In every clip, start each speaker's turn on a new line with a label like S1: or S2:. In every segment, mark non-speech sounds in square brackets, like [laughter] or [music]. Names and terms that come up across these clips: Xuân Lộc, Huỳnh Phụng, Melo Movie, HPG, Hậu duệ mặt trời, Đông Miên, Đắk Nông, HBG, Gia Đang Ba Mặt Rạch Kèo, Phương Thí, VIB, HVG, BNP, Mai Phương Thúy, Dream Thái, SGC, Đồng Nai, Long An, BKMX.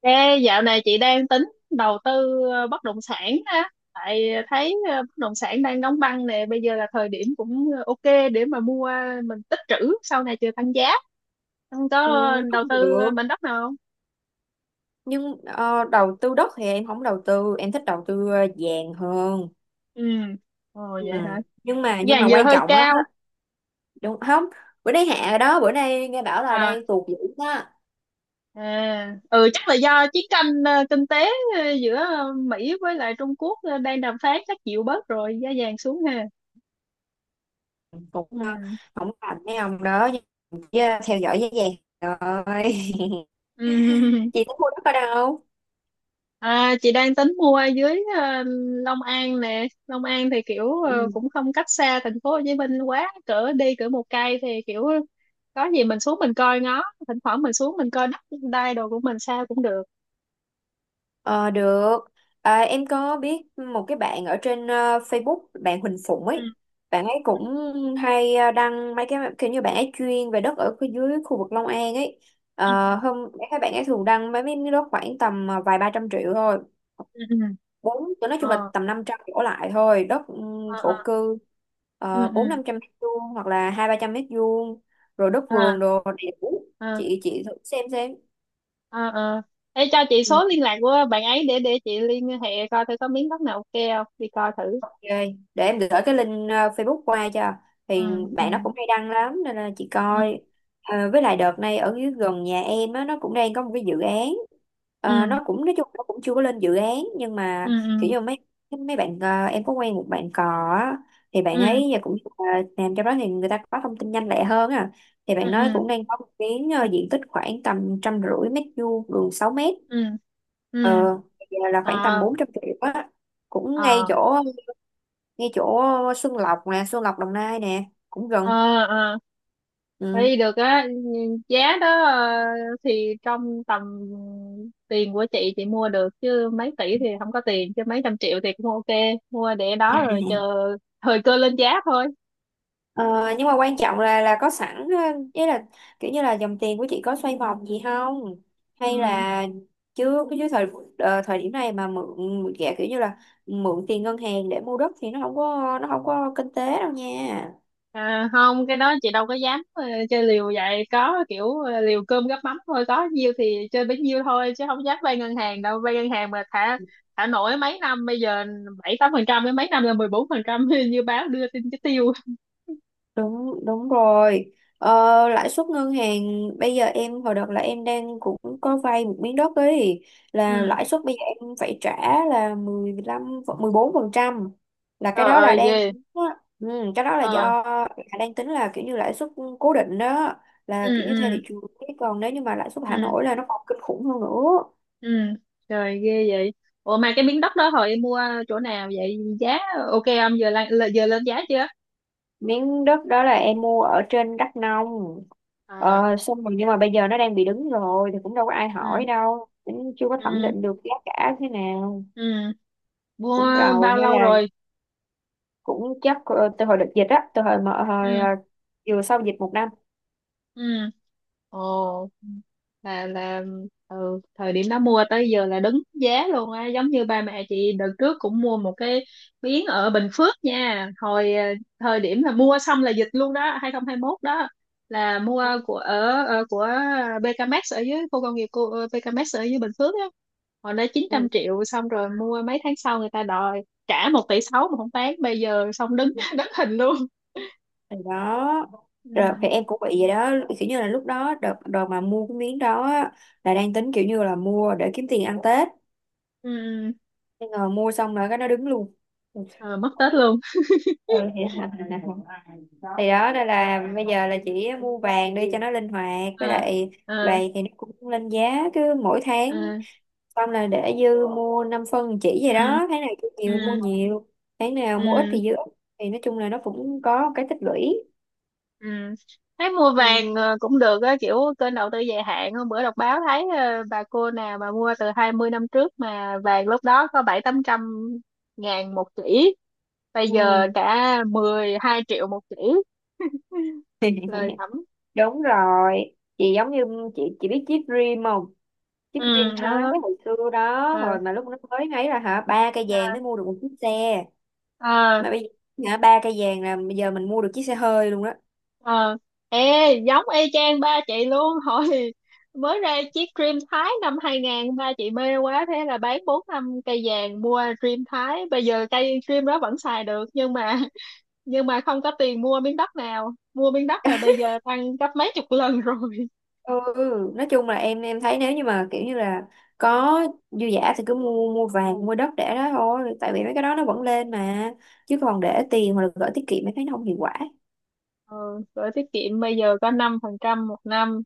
S1: Ê, dạo này chị đang tính đầu tư bất động sản á, tại thấy bất động sản đang đóng băng nè, bây giờ là thời điểm cũng ok để mà mua, mình tích trữ sau này chờ tăng giá. Không
S2: Ừ,
S1: có đầu
S2: cũng
S1: tư
S2: được
S1: mảnh đất nào không?
S2: nhưng đầu tư đất thì em không đầu tư, em thích đầu tư vàng hơn.
S1: Ừ, ồ
S2: Ừ.
S1: vậy hả?
S2: Nhưng mà
S1: Vàng giờ
S2: quan
S1: hơi
S2: trọng á,
S1: cao.
S2: đúng không, bữa nay hạ rồi đó, bữa nay nghe bảo là
S1: À,
S2: đang tuột dữ đó.
S1: à, ừ chắc là do chiến tranh kinh tế giữa Mỹ với lại Trung Quốc đang đàm phán chắc chịu bớt rồi giá vàng xuống ha.
S2: Cũng
S1: Ừ,
S2: không làm mấy ông đó nhưng chứ theo dõi giá vàng rồi.
S1: ừ.
S2: [laughs]
S1: [laughs]
S2: Chị tính mua đất ở đâu?
S1: À, chị đang tính mua ở dưới Long An nè. Long An thì kiểu
S2: Ừ.
S1: cũng không cách xa thành phố Hồ Chí Minh quá, cỡ đi cỡ một cây thì kiểu có gì mình xuống mình coi ngó, thỉnh thoảng mình xuống mình coi đất đai đồ của mình sao cũng được.
S2: Ờ, được. À, em có biết một cái bạn ở trên Facebook, bạn Huỳnh Phụng
S1: Ừ
S2: ấy. Bạn ấy cũng hay đăng mấy cái kiểu như bạn ấy chuyên về đất ở dưới khu vực Long An ấy.
S1: ừ
S2: Ờ, hôm các bạn ấy thường đăng mấy miếng đất khoảng tầm vài ba trăm triệu thôi.
S1: ừ ừ.
S2: Bốn, nói chung là
S1: Ờ
S2: tầm 500 đổ lại thôi, đất ừ,
S1: ờ
S2: thổ
S1: ờ
S2: cư,
S1: ừ
S2: ờ, bốn
S1: ừ.
S2: năm trăm mét vuông hoặc là hai ba trăm mét vuông, rồi đất vườn
S1: À
S2: đồ đẹp.
S1: à
S2: Chị thử xem xem.
S1: à à. Ê cho chị
S2: Ừ.
S1: số liên lạc của bạn ấy để chị liên hệ coi thử có miếng đất nào ok không, đi coi thử.
S2: Ok, để em gửi cái link Facebook qua cho
S1: Ừ
S2: thì
S1: ừ
S2: bạn nó cũng hay đăng lắm nên là chị
S1: ừ
S2: coi. Ờ, với lại đợt này ở dưới gần nhà em á, nó cũng đang có một cái dự án. Ờ,
S1: ừ
S2: nó cũng nói chung nó cũng chưa có lên dự án nhưng
S1: ừ
S2: mà
S1: ừ
S2: kiểu như mấy mấy bạn, ờ, em có quen một bạn cò á, thì bạn
S1: ừ
S2: ấy giờ cũng làm cho đó thì người ta có thông tin nhanh lẹ hơn à, thì
S1: ừ
S2: bạn
S1: ừ
S2: nói cũng đang có một miếng, ờ, diện tích khoảng tầm trăm rưỡi mét vuông, đường 6 mét.
S1: ừ. Ừ,
S2: Ờ, giờ là khoảng tầm
S1: à
S2: 400 triệu á, cũng ngay
S1: à
S2: chỗ, ngay chỗ Xuân Lộc nè, Xuân Lộc Đồng Nai nè, cũng
S1: à
S2: gần.
S1: à,
S2: Ừ.
S1: thấy được á, giá đó thì trong tầm tiền của chị mua được chứ mấy tỷ thì không có tiền, chứ mấy trăm triệu thì cũng ok, mua để đó rồi chờ thời cơ lên giá thôi.
S2: Ờ, nhưng mà quan trọng là có sẵn ý là kiểu như là dòng tiền của chị có xoay vòng gì không, hay
S1: Ừ.
S2: là chưa, chứ thời thời điểm này mà mượn mượn gẹ kiểu như là mượn tiền ngân hàng để mua đất thì nó không có, nó không có kinh tế đâu nha.
S1: À, không, cái đó chị đâu có dám chơi liều vậy, có kiểu liều cơm gắp mắm thôi, có nhiêu thì chơi bấy nhiêu thôi chứ không dám vay ngân hàng đâu, vay ngân hàng mà thả thả nổi mấy năm bây giờ bảy tám phần trăm, mấy năm là 14% [laughs] như báo đưa tin chứ tiêu.
S2: Đúng đúng rồi. Ờ, lãi suất ngân hàng bây giờ, em hồi đợt là em đang cũng có vay một miếng đất ấy, là
S1: Ừ,
S2: lãi suất bây giờ em phải trả là mười, mười lăm, mười bốn phần trăm, là cái
S1: trời
S2: đó là
S1: ơi
S2: đang
S1: ghê.
S2: tính á. Ừ, cái đó là
S1: Ờ.
S2: do, là đang tính là kiểu như lãi suất cố định đó, là
S1: Ừ
S2: kiểu như theo
S1: ừ
S2: thị trường. Chứ còn nếu như mà lãi suất
S1: ừ
S2: thả nổi là nó còn kinh khủng hơn nữa.
S1: ừ, trời ghê vậy. Ủa mà cái miếng đất đó hồi em mua chỗ nào vậy, giá ok không, giờ lên giá chưa?
S2: Miếng đất đó là em mua ở trên Đắk Nông.
S1: À,
S2: Ờ, xong rồi nhưng mà bây giờ nó đang bị đứng rồi thì cũng đâu có ai
S1: ừ
S2: hỏi đâu, cũng chưa có thẩm
S1: ừ
S2: định được giá cả thế nào.
S1: ừ,
S2: Cũng
S1: mua
S2: rầu,
S1: bao
S2: hay
S1: lâu
S2: là
S1: rồi?
S2: cũng chắc từ hồi đợt dịch á, từ hồi mà hồi
S1: Ừ
S2: vừa sau dịch 1 năm.
S1: ừ. Ồ,
S2: Ừ.
S1: là ừ, thời điểm đó mua tới giờ là đứng giá luôn á, giống như ba mẹ chị đợt trước cũng mua một cái miếng ở Bình Phước nha. Thời điểm là mua xong là dịch luôn đó, 2021 đó, là mua của BKMX ở dưới khu công nghiệp của BKMX ở dưới Bình Phước á. Hồi đó chín
S2: Ừ.
S1: trăm triệu xong rồi mua mấy tháng sau người ta đòi trả 1,6 tỷ mà không bán, bây giờ xong đứng [laughs] đứng hình luôn.
S2: Thì đó, rồi thì
S1: Ừ.
S2: em cũng bị vậy đó, kiểu như là lúc đó đợt đợt mà mua cái miếng đó á, là đang tính kiểu như là mua để kiếm tiền ăn Tết,
S1: Ừ. Ừ.
S2: nhưng mà mua xong rồi cái nó đứng luôn.
S1: Ờ, mất Tết luôn.
S2: Ừ vậy hả. Nè, thì đó, đây là
S1: Ờ.
S2: bây giờ là chỉ mua vàng đi cho nó linh hoạt, với
S1: Ờ.
S2: lại
S1: Ờ.
S2: vàng thì nó cũng lên giá cứ mỗi tháng,
S1: Ừ
S2: xong là để dư mua 5 phân chỉ vậy
S1: ừ
S2: đó, tháng nào cứ nhiều thì mua
S1: ừ
S2: nhiều, tháng nào mua ít
S1: ừ
S2: thì dư ít, thì nói chung là nó cũng có một cái tích lũy.
S1: ừ, thấy mua
S2: Ừ.
S1: vàng cũng được á, kiểu kênh đầu tư dài hạn, hôm bữa đọc báo thấy bà cô nào mà mua từ 20 năm trước mà vàng lúc đó có bảy tám trăm ngàn một chỉ, bây giờ
S2: Ừ.
S1: cả 12 triệu một chỉ,
S2: [laughs]
S1: lời thẩm.
S2: Đúng rồi, chị giống như, chị biết chip dream không, chiếc Green
S1: Ừ,
S2: Thái
S1: đó.
S2: hồi xưa đó,
S1: Ừ.
S2: hồi mà lúc nó mới ấy là hả, ba cây
S1: Ờ,
S2: vàng mới mua được một chiếc xe,
S1: ờ.
S2: mà bây giờ hả, ba cây vàng là bây giờ mình mua được chiếc xe hơi luôn đó.
S1: Ờ, ê giống y chang ba chị luôn [laughs] hồi mới ra chiếc Dream Thái năm 2000, ba chị mê quá thế là bán bốn năm cây vàng mua Dream Thái, bây giờ cây Dream đó vẫn xài được nhưng mà [laughs] nhưng mà không có tiền mua miếng đất nào, mua miếng đất là bây giờ tăng gấp mấy chục lần [laughs] rồi.
S2: Ừ. [laughs] Nói chung là em thấy nếu như mà kiểu như là có dư giả thì cứ mua mua vàng, mua đất để đó thôi, tại vì mấy cái đó nó vẫn lên mà, chứ còn để tiền hoặc là gửi tiết kiệm em thấy nó không hiệu quả.
S1: Ừ, gửi tiết kiệm bây giờ có 5% một năm,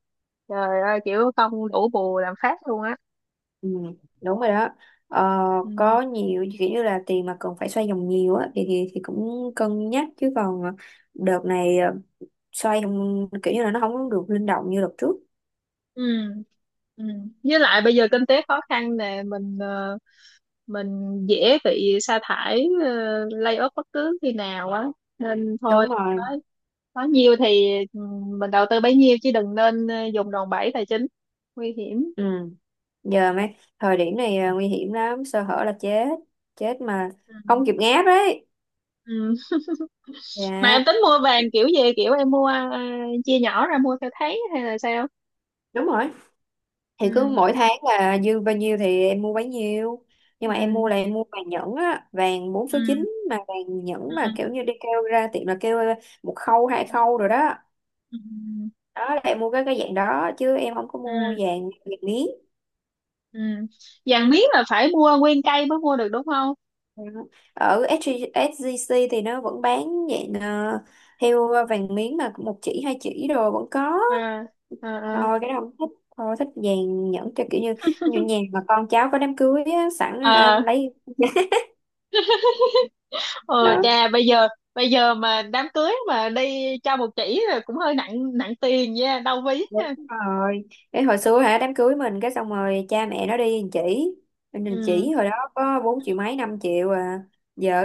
S1: trời ơi kiểu không đủ bù làm phát luôn á.
S2: Ừ, đúng rồi đó. Ờ,
S1: Ừ.
S2: có nhiều kiểu như là tiền mà cần phải xoay vòng nhiều á thì, thì cũng cân nhắc, chứ còn đợt này xoay không kiểu như là nó không được linh động như đợt trước.
S1: Ừ. Ừ. Với lại bây giờ kinh tế khó khăn nè, mình dễ bị sa thải lay off bất cứ khi nào á, nên thôi,
S2: Đúng rồi.
S1: nói nói nhiều thì ừ, mình đầu tư bấy nhiêu chứ đừng nên dùng đòn bẩy tài chính nguy hiểm.
S2: Ừ. Giờ mấy thời điểm này à, nguy hiểm lắm, sơ hở là chết, chết mà
S1: Ừ.
S2: không kịp ngáp đấy.
S1: Ừ. Mà
S2: Dạ
S1: em tính mua vàng kiểu gì, kiểu em mua chia nhỏ ra mua theo tháng hay là sao?
S2: đúng rồi. Thì cứ
S1: Ừ.
S2: mỗi tháng là dư bao nhiêu thì em mua bấy nhiêu, nhưng mà em
S1: Ừ.
S2: mua là em mua vàng nhẫn á, vàng bốn số
S1: Ừ.
S2: chín mà vàng
S1: Ừ.
S2: nhẫn mà kiểu như đi kêu ra tiệm là kêu à, một khâu hai khâu rồi đó,
S1: Ừ.
S2: đó là em mua cái dạng đó, chứ em không có mua
S1: Ừ.
S2: vàng, vàng miếng.
S1: Ừ. Vàng miếng là phải mua nguyên cây mới mua được đúng không?
S2: Dạ. Ở SG, SGC thì nó vẫn bán dạng theo vàng miếng mà một chỉ hai chỉ rồi vẫn có.
S1: À à
S2: Thôi cái đó không thích, thôi thích vàng nhẫn cho kiểu như, như nhà mà con cháu có đám cưới á, sẵn hả,
S1: à.
S2: lấy
S1: Ờ
S2: đó.
S1: cha, bây giờ mà đám cưới mà đi cho một chỉ là cũng hơi nặng nặng tiền nha, đau ví
S2: Đúng
S1: ha.
S2: rồi, cái hồi xưa hả, đám cưới mình cái xong rồi cha mẹ nó đi chỉ, mình
S1: Ừ.
S2: chỉ hồi đó có 4 triệu mấy, 5 triệu à,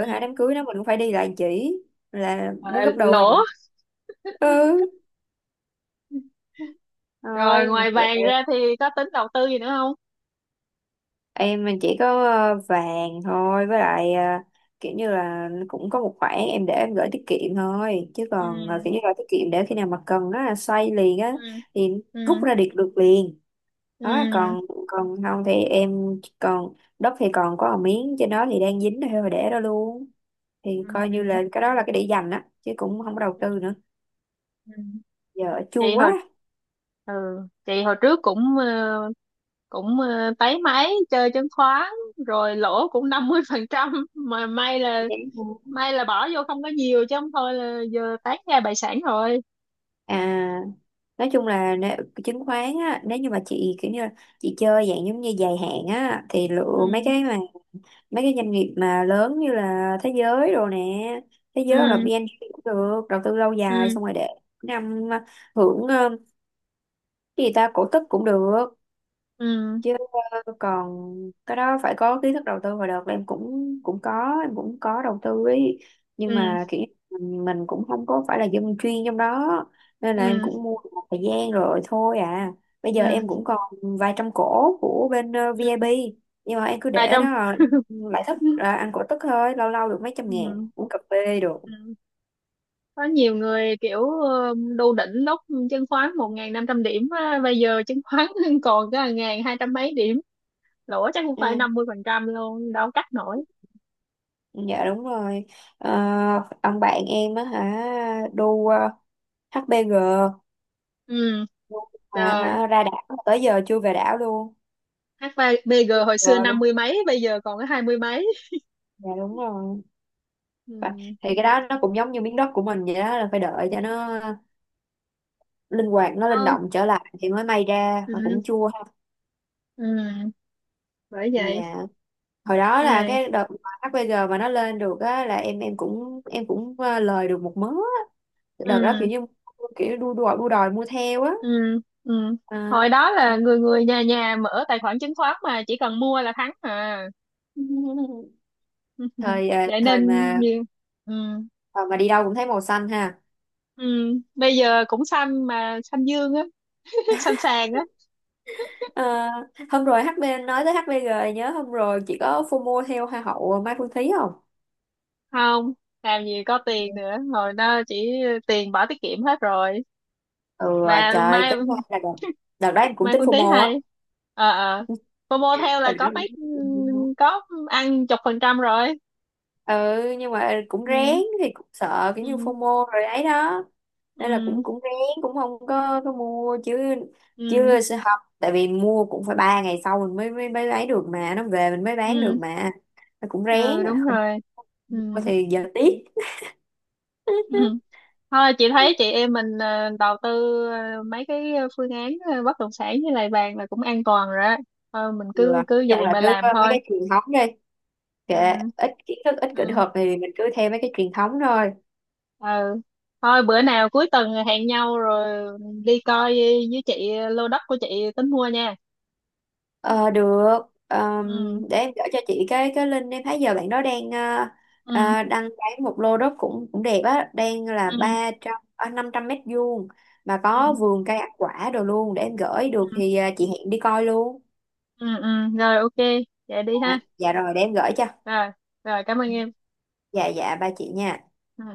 S1: Ừ.
S2: hả đám cưới nó mình cũng phải đi lại chỉ là
S1: Ờ,
S2: muốn gấp đôi
S1: lỗ.
S2: rồi. Ừ.
S1: Rồi
S2: Rồi
S1: ngoài vàng ra thì có tính đầu tư gì nữa không?
S2: em chỉ có vàng thôi, với lại ờ, kiểu như là cũng có một khoản em để em gửi tiết kiệm thôi, chứ
S1: Ừ
S2: còn kiểu như là tiết kiệm để khi nào mà cần á xoay liền
S1: ừ
S2: á, thì
S1: ừ
S2: rút ra được được liền
S1: ừ.
S2: đó. Còn, còn không thì em còn đất thì còn có một miếng trên đó thì đang dính thôi mà để đó luôn, thì coi như
S1: Ừ.
S2: là cái đó là cái để dành á, chứ cũng không có đầu tư nữa.
S1: Ừ.
S2: Giờ chua
S1: Chị
S2: quá.
S1: hồi ừ, chị hồi trước cũng ờ, táy máy chơi chứng khoán rồi lỗ cũng 50%, mà may là bỏ vô không có nhiều chứ không thôi là giờ tán ra bại sản rồi.
S2: À, nói chung là nếu, chứng khoán á, nếu như mà chị kiểu như là chị chơi dạng giống như dài hạn á, thì lựa mấy
S1: Ừ.
S2: cái mà mấy cái doanh nghiệp mà lớn như là thế giới rồi nè, thế giới hoặc là
S1: Ừ
S2: BNP cũng được, đầu tư lâu dài
S1: ừ
S2: xong rồi để năm hưởng cái gì ta, cổ tức cũng được.
S1: ừ
S2: Chứ còn cái đó phải có kiến thức đầu tư, và đợt là em cũng cũng có, em cũng có đầu tư ấy, nhưng
S1: ừ
S2: mà kiểu như mình cũng không có phải là dân chuyên trong đó, nên là em
S1: ừ
S2: cũng mua được một thời gian rồi thôi à. Bây giờ em
S1: ừ
S2: cũng còn vài trăm cổ của bên
S1: ừ.
S2: VIB nhưng mà em cứ
S1: Mà
S2: để
S1: trong
S2: đó rồi lại thích
S1: [laughs]
S2: là ăn cổ tức thôi, lâu lâu được mấy trăm ngàn
S1: ừ,
S2: uống cà phê được.
S1: ừ. Có nhiều người kiểu đu đỉnh lúc chứng khoán 1.500 điểm á, bây giờ chứng khoán [laughs] còn có 1.200 mấy điểm, lỗ chắc cũng phải
S2: Ừ.
S1: 50% luôn, đâu cắt nổi.
S2: Ừ, dạ đúng rồi. Ờ, ông bạn em á hả, đu HBG.
S1: Ừ,
S2: À
S1: trời,
S2: hả, ra đảo tới giờ chưa về đảo luôn,
S1: HVG hồi xưa
S2: rồi
S1: năm
S2: luôn.
S1: mươi mấy bây giờ còn có hai mươi mấy.
S2: Dạ đúng rồi. Và
S1: Ừ
S2: thì cái đó nó cũng giống như miếng đất của mình vậy đó, là phải đợi cho
S1: ừ.
S2: nó linh hoạt, nó linh
S1: Đâu.
S2: động trở lại thì mới may ra, mà
S1: Ừ
S2: cũng chua ha.
S1: ừ, bởi vậy.
S2: Dạ hồi đó là
S1: Đây.
S2: cái đợt mà HPG mà nó lên được á, là em cũng em cũng lời được một mớ á. Đợt đó kiểu
S1: Ừ
S2: như kiểu đua đòi mua theo á.
S1: ừ ừ,
S2: À.
S1: hồi đó là người người nhà nhà mở tài khoản chứng khoán mà chỉ cần mua là thắng à.
S2: [laughs]
S1: [laughs]
S2: Thời
S1: Vậy
S2: thời
S1: nên
S2: mà,
S1: nhiều. Ừ
S2: thời mà đi đâu cũng thấy màu xanh ha.
S1: ừ. Bây giờ cũng xanh mà xanh dương á. [laughs] Xanh sàn á.
S2: Ờ, hôm rồi HB nói tới HBG nhớ, hôm rồi chị có FOMO theo Hoa hậu Mai Phương Thúy không?
S1: Không, làm gì có tiền nữa, hồi đó chỉ tiền bỏ tiết kiệm hết rồi.
S2: Ừ
S1: Mà
S2: trời,
S1: mai
S2: tính ra là đợt, đợt đó em cũng
S1: mai
S2: tính
S1: Phương Thí
S2: FOMO á.
S1: hay ờ ờ cô mua theo là
S2: Đợt đó
S1: có
S2: cũng
S1: mấy
S2: tính
S1: ừ,
S2: FOMO.
S1: có ăn chục phần trăm rồi.
S2: Ừ nhưng mà cũng rén,
S1: Ừ
S2: thì cũng sợ kiểu như
S1: ừ
S2: FOMO rồi ấy đó. Nên là
S1: ừ
S2: cũng cũng rén, không có mua chứ,
S1: ừ
S2: chứ sẽ học tại vì mua cũng phải 3 ngày sau mình mới mới mới lấy được mà nó về mình mới bán được,
S1: ừ
S2: mà nó cũng rén.
S1: ừ, đúng
S2: Không
S1: rồi. Ừ.
S2: mua thì giờ tiếc.
S1: Ừ. Thôi chị thấy
S2: [laughs]
S1: chị em mình đầu tư mấy cái phương án bất động sản với lại vàng là cũng an toàn rồi á. Thôi mình
S2: Ừ,
S1: cứ
S2: nói
S1: cứ
S2: chung
S1: vậy
S2: là
S1: mà
S2: cứ
S1: làm
S2: mấy
S1: thôi.
S2: cái truyền thống đi, kệ,
S1: Ừ.
S2: ít kiến thức ít kỹ
S1: Ừ.
S2: thuật thì mình cứ theo mấy cái truyền thống thôi.
S1: Ừ. Thôi bữa nào cuối tuần hẹn nhau rồi đi coi với chị lô đất của chị tính mua nha.
S2: Ờ được. Ờm,
S1: Ừ.
S2: để em gửi cho chị cái link, em thấy giờ bạn đó đang
S1: Ừ.
S2: đăng bán một lô đất cũng cũng đẹp á, đang là
S1: Ừ.
S2: ba trăm năm trăm mét vuông mà
S1: Ừ.
S2: có vườn cây ăn quả đồ luôn, để em gửi được
S1: Ừ.
S2: thì ờ, chị hẹn đi coi luôn.
S1: Ừ. Ừ. Rồi ok. Vậy đi
S2: À,
S1: ha.
S2: dạ rồi, để em gửi cho.
S1: Rồi. Rồi cảm ơn em.
S2: Dạ dạ ba chị nha.
S1: Ừ.